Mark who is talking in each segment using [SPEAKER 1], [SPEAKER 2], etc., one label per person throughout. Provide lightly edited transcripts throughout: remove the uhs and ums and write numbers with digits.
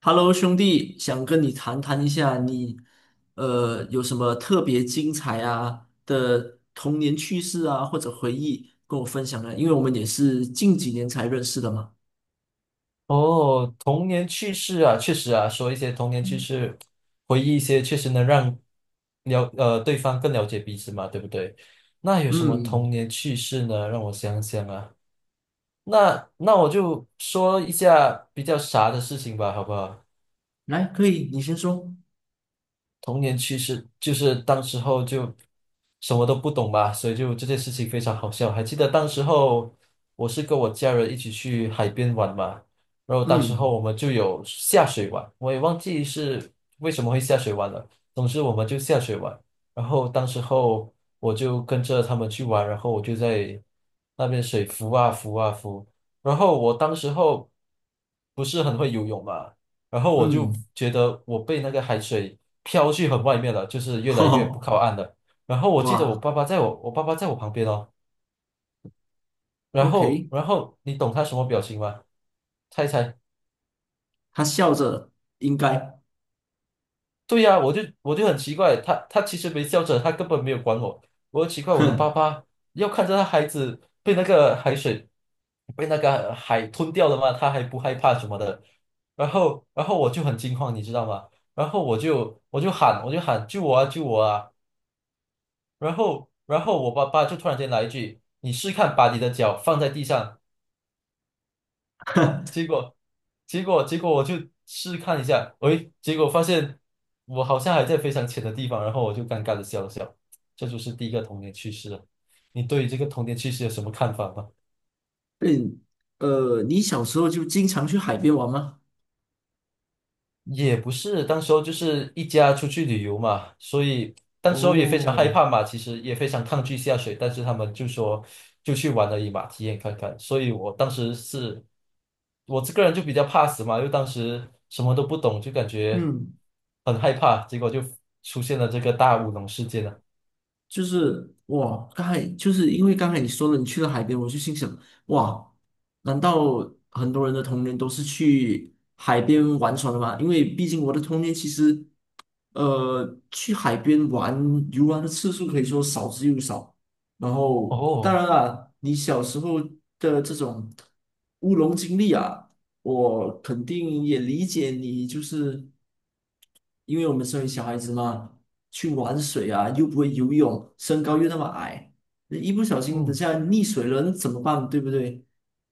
[SPEAKER 1] Hello，兄弟，想跟你谈谈一下你，有什么特别精彩啊的童年趣事啊，或者回忆跟我分享呢？因为我们也是近几年才认识的嘛。
[SPEAKER 2] 哦，童年趣事啊，确实啊，说一些童年趣事，回忆一些，确实能让对方更了解彼此嘛，对不对？那有什么
[SPEAKER 1] 嗯，
[SPEAKER 2] 童年趣事呢？让我想想啊，那我就说一下比较傻的事情吧，好不好？
[SPEAKER 1] 来，可以，你先说。
[SPEAKER 2] 童年趣事就是当时候就什么都不懂吧，所以就这件事情非常好笑。还记得当时候我是跟我家人一起去海边玩嘛，然后当时候
[SPEAKER 1] 嗯
[SPEAKER 2] 我们就有下水玩，我也忘记是为什么会下水玩了。总之我们就下水玩，然后当时候我就跟着他们去玩，然后我就在那边水浮啊浮啊浮，然后我当时候不是很会游泳嘛。然后我
[SPEAKER 1] 嗯，
[SPEAKER 2] 就觉得我被那个海水飘去很外面了，就是越 来越不
[SPEAKER 1] 吼，
[SPEAKER 2] 靠岸了。然后我记得我
[SPEAKER 1] 哇
[SPEAKER 2] 爸爸在我我爸爸在我旁边哦，然后
[SPEAKER 1] ，OK，
[SPEAKER 2] 然后你懂他什么表情吗？猜一猜。
[SPEAKER 1] 他笑着，应该，
[SPEAKER 2] 对呀、我就很奇怪，他其实没笑着，他根本没有管我。我奇怪，我的爸
[SPEAKER 1] 哼
[SPEAKER 2] 爸要看着他孩子被那个海吞掉了吗？他还不害怕什么的。然后我就很惊慌，你知道吗？然后我就喊救我啊救我啊！然后我爸爸就突然间来一句："你试看把你的脚放在地上。"
[SPEAKER 1] 哼，
[SPEAKER 2] 结果，结果我就试看一下，喂，结果发现我好像还在非常浅的地方，然后我就尴尬的笑了笑。这就是第一个童年趣事了。你对于这个童年趣事有什么看法吗？
[SPEAKER 1] 对，你小时候就经常去海边玩吗？
[SPEAKER 2] 也不是，当时候就是一家出去旅游嘛，所以当时候也非常害
[SPEAKER 1] 哦，
[SPEAKER 2] 怕嘛，其实也非常抗拒下水，但是他们就说就去玩而已嘛，体验看看。所以我当时是，我这个人就比较怕死嘛，因为当时什么都不懂，就感觉
[SPEAKER 1] 嗯。
[SPEAKER 2] 很害怕，结果就出现了这个大乌龙事件了。
[SPEAKER 1] 就是哇，刚才就是因为刚才你说了你去了海边，我就心想，哇，难道很多人的童年都是去海边玩耍的吗？因为毕竟我的童年其实去海边玩游玩的次数可以说少之又少。然后，当
[SPEAKER 2] 哦，
[SPEAKER 1] 然啦，你小时候的这种乌龙经历啊，我肯定也理解你，就是因为我们身为小孩子嘛，去玩水啊，又不会游泳，身高又那么矮，一不小心等
[SPEAKER 2] 嗯。
[SPEAKER 1] 下溺水了，那怎么办？对不对？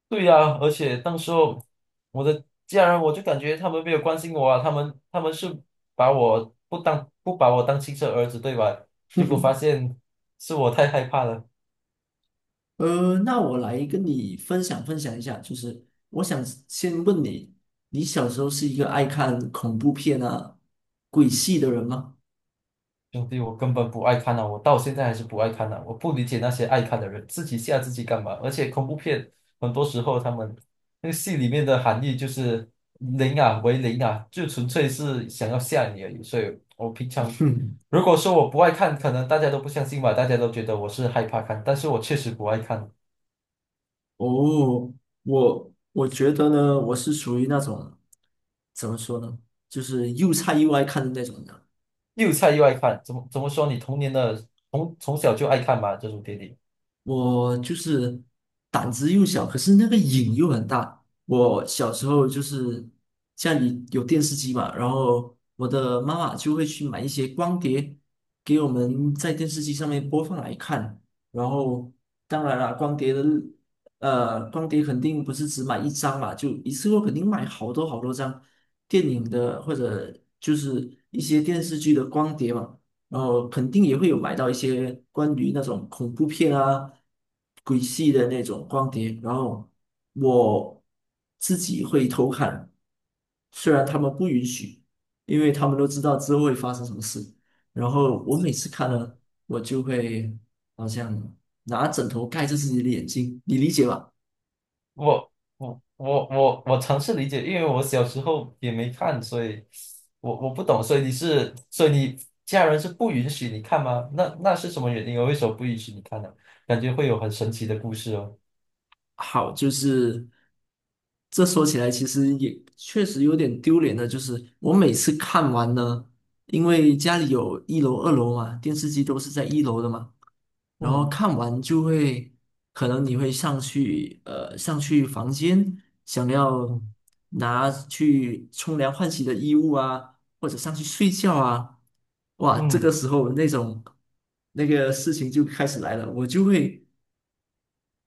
[SPEAKER 2] 对呀，而且当时候我的家人，我就感觉他们没有关心我啊，他们是把我不当不把我当亲生儿子，对吧？结果发现是我太害怕了。
[SPEAKER 1] 那我来跟你分享分享一下，就是我想先问你，你小时候是一个爱看恐怖片啊、鬼戏的人吗？
[SPEAKER 2] 兄弟，我根本不爱看呐，我到现在还是不爱看呐。我不理解那些爱看的人，自己吓自己干嘛？而且恐怖片很多时候他们那个戏里面的含义就是零啊为零啊，就纯粹是想要吓你而已。所以我平 常
[SPEAKER 1] 哼，
[SPEAKER 2] 如果说我不爱看，可能大家都不相信吧，大家都觉得我是害怕看，但是我确实不爱看，
[SPEAKER 1] 哦，我觉得呢，我是属于那种怎么说呢，就是又菜又爱看的那种人。
[SPEAKER 2] 又菜又爱看，怎么说？你童年的从小就爱看嘛，这种电影，
[SPEAKER 1] 我就是胆子又小，可是那个瘾又很大。我小时候就是家里有电视机嘛，然后我的妈妈就会去买一些光碟给我们在电视机上面播放来看。然后当然了，光碟肯定不是只买一张嘛，就一次过肯定买好多好多张电影的或者就是一些电视剧的光碟嘛。然后肯定也会有买到一些关于那种恐怖片啊、鬼戏的那种光碟，然后我自己会偷看，虽然他们不允许，因为他们都知道之后会发生什么事。然后我每次看
[SPEAKER 2] 嗯。
[SPEAKER 1] 了，我就会好像拿枕头盖着自己的眼睛，你理解吧？
[SPEAKER 2] 我尝试理解，因为我小时候也没看，所以我不懂，所以你是，所以你家人是不允许你看吗？那是什么原因啊？为什么不允许你看呢？感觉会有很神奇的故事哦。
[SPEAKER 1] 好，就是这说起来，其实也确实有点丢脸的。就是我每次看完呢，因为家里有一楼、二楼嘛，电视机都是在一楼的嘛，然后
[SPEAKER 2] 嗯
[SPEAKER 1] 看完就会，可能你会上去，上去房间，想要
[SPEAKER 2] 嗯
[SPEAKER 1] 拿去冲凉换洗的衣物啊，或者上去睡觉啊，哇，这
[SPEAKER 2] 嗯，
[SPEAKER 1] 个时候那种那个事情就开始来了，我就会。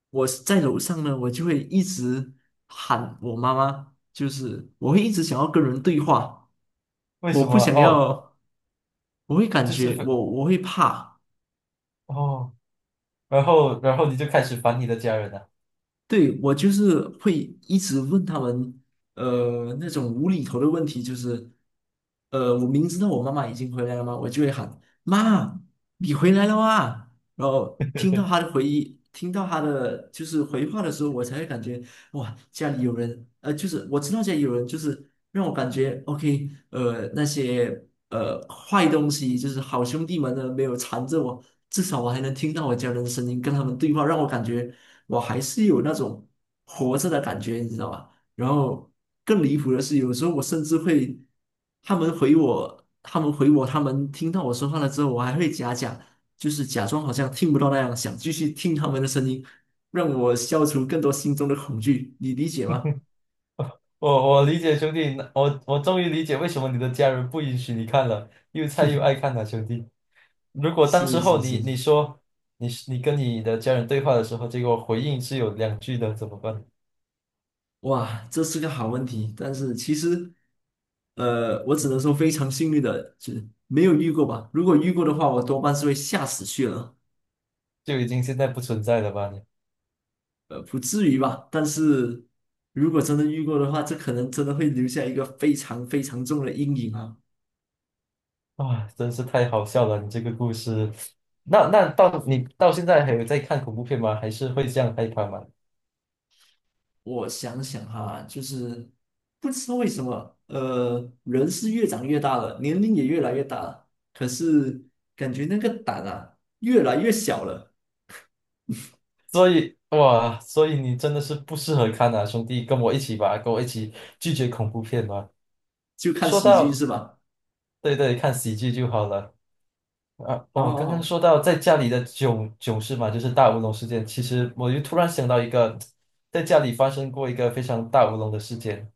[SPEAKER 1] 我在楼上呢，我就会一直喊我妈妈，就是我会一直想要跟人对话，
[SPEAKER 2] 为
[SPEAKER 1] 我
[SPEAKER 2] 什
[SPEAKER 1] 不
[SPEAKER 2] 么？
[SPEAKER 1] 想
[SPEAKER 2] 哦，
[SPEAKER 1] 要，我会感
[SPEAKER 2] 就是
[SPEAKER 1] 觉
[SPEAKER 2] 非
[SPEAKER 1] 我会怕。
[SPEAKER 2] 哦，然后你就开始烦你的家人了。
[SPEAKER 1] 对，我就是会一直问他们，那种无厘头的问题，就是，我明知道我妈妈已经回来了吗？我就会喊妈，你回来了啊！然后听到她 的回忆，听到她的就是回话的时候，我才会感觉哇，家里有人，就是我知道家里有人，就是让我感觉 OK，那些坏东西，就是好兄弟们呢没有缠着我，至少我还能听到我家人的声音，跟他们对话，让我感觉。我还是有那种活着的感觉，你知道吧？然后更离谱的是，有时候我甚至会，他们回我,他们听到我说话了之后，我还会假假，就是假装好像听不到那样，想继续听他们的声音，让我消除更多心中的恐惧，你理解吗？
[SPEAKER 2] 我我理解兄弟，我我终于理解为什么你的家人不允许你看了，又菜又爱看了兄弟。如果当时
[SPEAKER 1] 是是
[SPEAKER 2] 候
[SPEAKER 1] 是，
[SPEAKER 2] 你说你跟你的家人对话的时候，结果回应是有两句的，怎么办？
[SPEAKER 1] 哇，这是个好问题，但是其实，我只能说非常幸运的，就是没有遇过吧。如果遇过的话，我多半是会吓死去了。
[SPEAKER 2] 就已经现在不存在了吧你？
[SPEAKER 1] 不至于吧？但是如果真的遇过的话，这可能真的会留下一个非常非常重的阴影啊！
[SPEAKER 2] 啊，真是太好笑了，你这个故事。那到你到现在还有在看恐怖片吗？还是会这样害怕吗？
[SPEAKER 1] 我想想哈，就是不知道为什么，人是越长越大了，年龄也越来越大了，可是感觉那个胆啊越来越小了。
[SPEAKER 2] 所以哇，所以你真的是不适合看啊，兄弟，跟我一起吧，跟我一起拒绝恐怖片吧。
[SPEAKER 1] 就看
[SPEAKER 2] 说
[SPEAKER 1] 喜剧
[SPEAKER 2] 到，
[SPEAKER 1] 是吧？
[SPEAKER 2] 对对，看喜剧就好了。啊，
[SPEAKER 1] 好
[SPEAKER 2] 哦，
[SPEAKER 1] 好
[SPEAKER 2] 刚刚
[SPEAKER 1] 好，
[SPEAKER 2] 说到在家里的囧囧事嘛，就是大乌龙事件。其实我就突然想到一个，在家里发生过一个非常大乌龙的事件。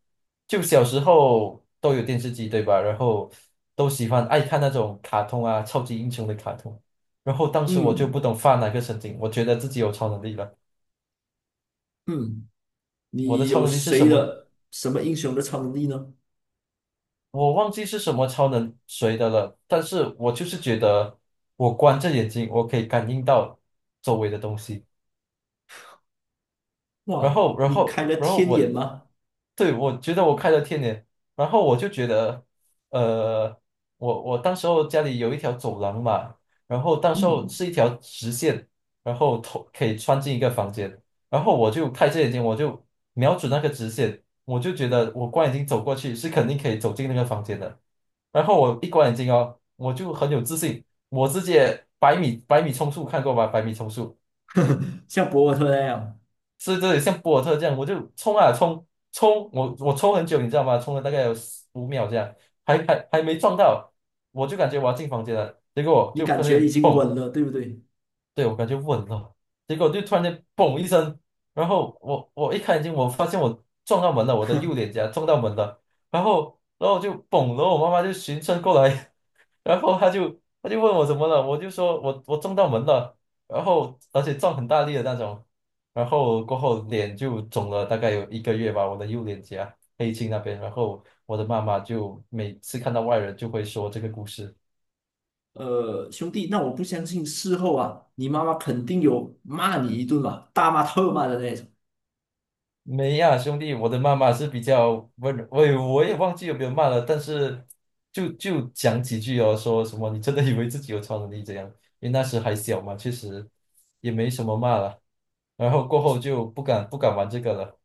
[SPEAKER 2] 就小时候都有电视机，对吧？然后都喜欢爱看那种卡通啊，超级英雄的卡通。然后当时我就
[SPEAKER 1] 嗯
[SPEAKER 2] 不懂发哪个神经，我觉得自己有超能力了。
[SPEAKER 1] 嗯，
[SPEAKER 2] 我的
[SPEAKER 1] 你
[SPEAKER 2] 超
[SPEAKER 1] 有
[SPEAKER 2] 能力是什
[SPEAKER 1] 谁
[SPEAKER 2] 么？
[SPEAKER 1] 的什么英雄的超能力呢？
[SPEAKER 2] 我忘记是什么超能谁的了，但是我就是觉得我关着眼睛，我可以感应到周围的东西。然
[SPEAKER 1] 哇，
[SPEAKER 2] 后，然
[SPEAKER 1] 你开
[SPEAKER 2] 后，
[SPEAKER 1] 了
[SPEAKER 2] 然后
[SPEAKER 1] 天眼
[SPEAKER 2] 我，
[SPEAKER 1] 吗？
[SPEAKER 2] 对，我觉得我开了天眼，然后我就觉得，呃，我当时候家里有一条走廊嘛，然后当时候
[SPEAKER 1] 嗯，
[SPEAKER 2] 是一条直线，然后头可以穿进一个房间，然后我就开着眼睛，我就瞄准那个直线，我就觉得我光眼睛走过去是肯定可以走进那个房间的，然后我一关眼睛哦，我就很有自信，我直接百米冲刺看过吧，百米冲刺，
[SPEAKER 1] 像博尔特那样。
[SPEAKER 2] 是这里像博尔特这样，我就冲啊冲，我冲很久，你知道吗？冲了大概有15秒这样，还没撞到，我就感觉我要进房间了，结果我
[SPEAKER 1] 你
[SPEAKER 2] 就
[SPEAKER 1] 感
[SPEAKER 2] 突然
[SPEAKER 1] 觉已
[SPEAKER 2] 间
[SPEAKER 1] 经
[SPEAKER 2] 嘣，
[SPEAKER 1] 稳了，对不对？
[SPEAKER 2] 对我感觉稳了，结果就突然间嘣一声，然后我一开眼睛，我发现我撞到门了，我的右脸颊撞到门了，然后我就嘣，然后我妈妈就循声过来，然后他就问我怎么了，我就说我撞到门了，然后而且撞很大力的那种，然后过后脸就肿了大概有1个月吧，我的右脸颊黑青那边，然后我的妈妈就每次看到外人就会说这个故事。
[SPEAKER 1] 兄弟，那我不相信事后啊，你妈妈肯定有骂你一顿吧，大骂特骂的那种。
[SPEAKER 2] 没呀，兄弟，我的妈妈是比较温柔，我也忘记有没有骂了，但是就讲几句哦，说什么你真的以为自己有超能力这样？因为那时还小嘛，确实也没什么骂了。然后过后就不敢玩这个了。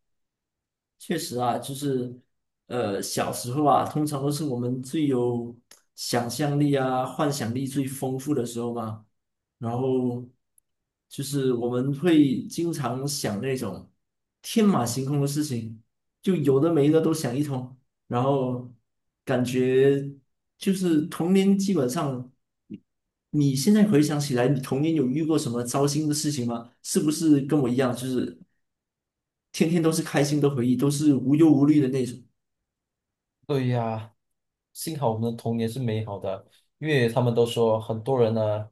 [SPEAKER 1] 确实啊，就是小时候啊，通常都是我们最有想象力啊、幻想力最丰富的时候嘛。然后就是我们会经常想那种天马行空的事情，就有的没的都想一通。然后感觉就是童年，基本上你现在回想起来，你童年有遇过什么糟心的事情吗？是不是跟我一样，就是天天都是开心的回忆，都是无忧无虑的那种？
[SPEAKER 2] 对呀，幸好我们的童年是美好的，因为他们都说很多人呢，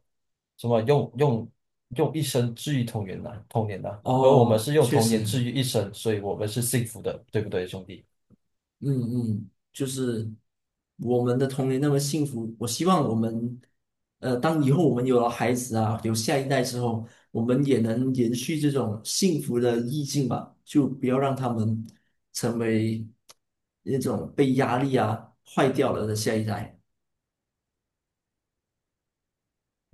[SPEAKER 2] 什么用一生治愈童年呐，童年呐，而我们
[SPEAKER 1] 哦，
[SPEAKER 2] 是用
[SPEAKER 1] 确
[SPEAKER 2] 童年治
[SPEAKER 1] 实，
[SPEAKER 2] 愈一生，所以我们是幸福的，对不对，兄弟？
[SPEAKER 1] 嗯嗯，就是我们的童年那么幸福，我希望我们，当以后我们有了孩子啊，有下一代之后，我们也能延续这种幸福的意境吧，就不要让他们成为那种被压力啊坏掉了的下一代。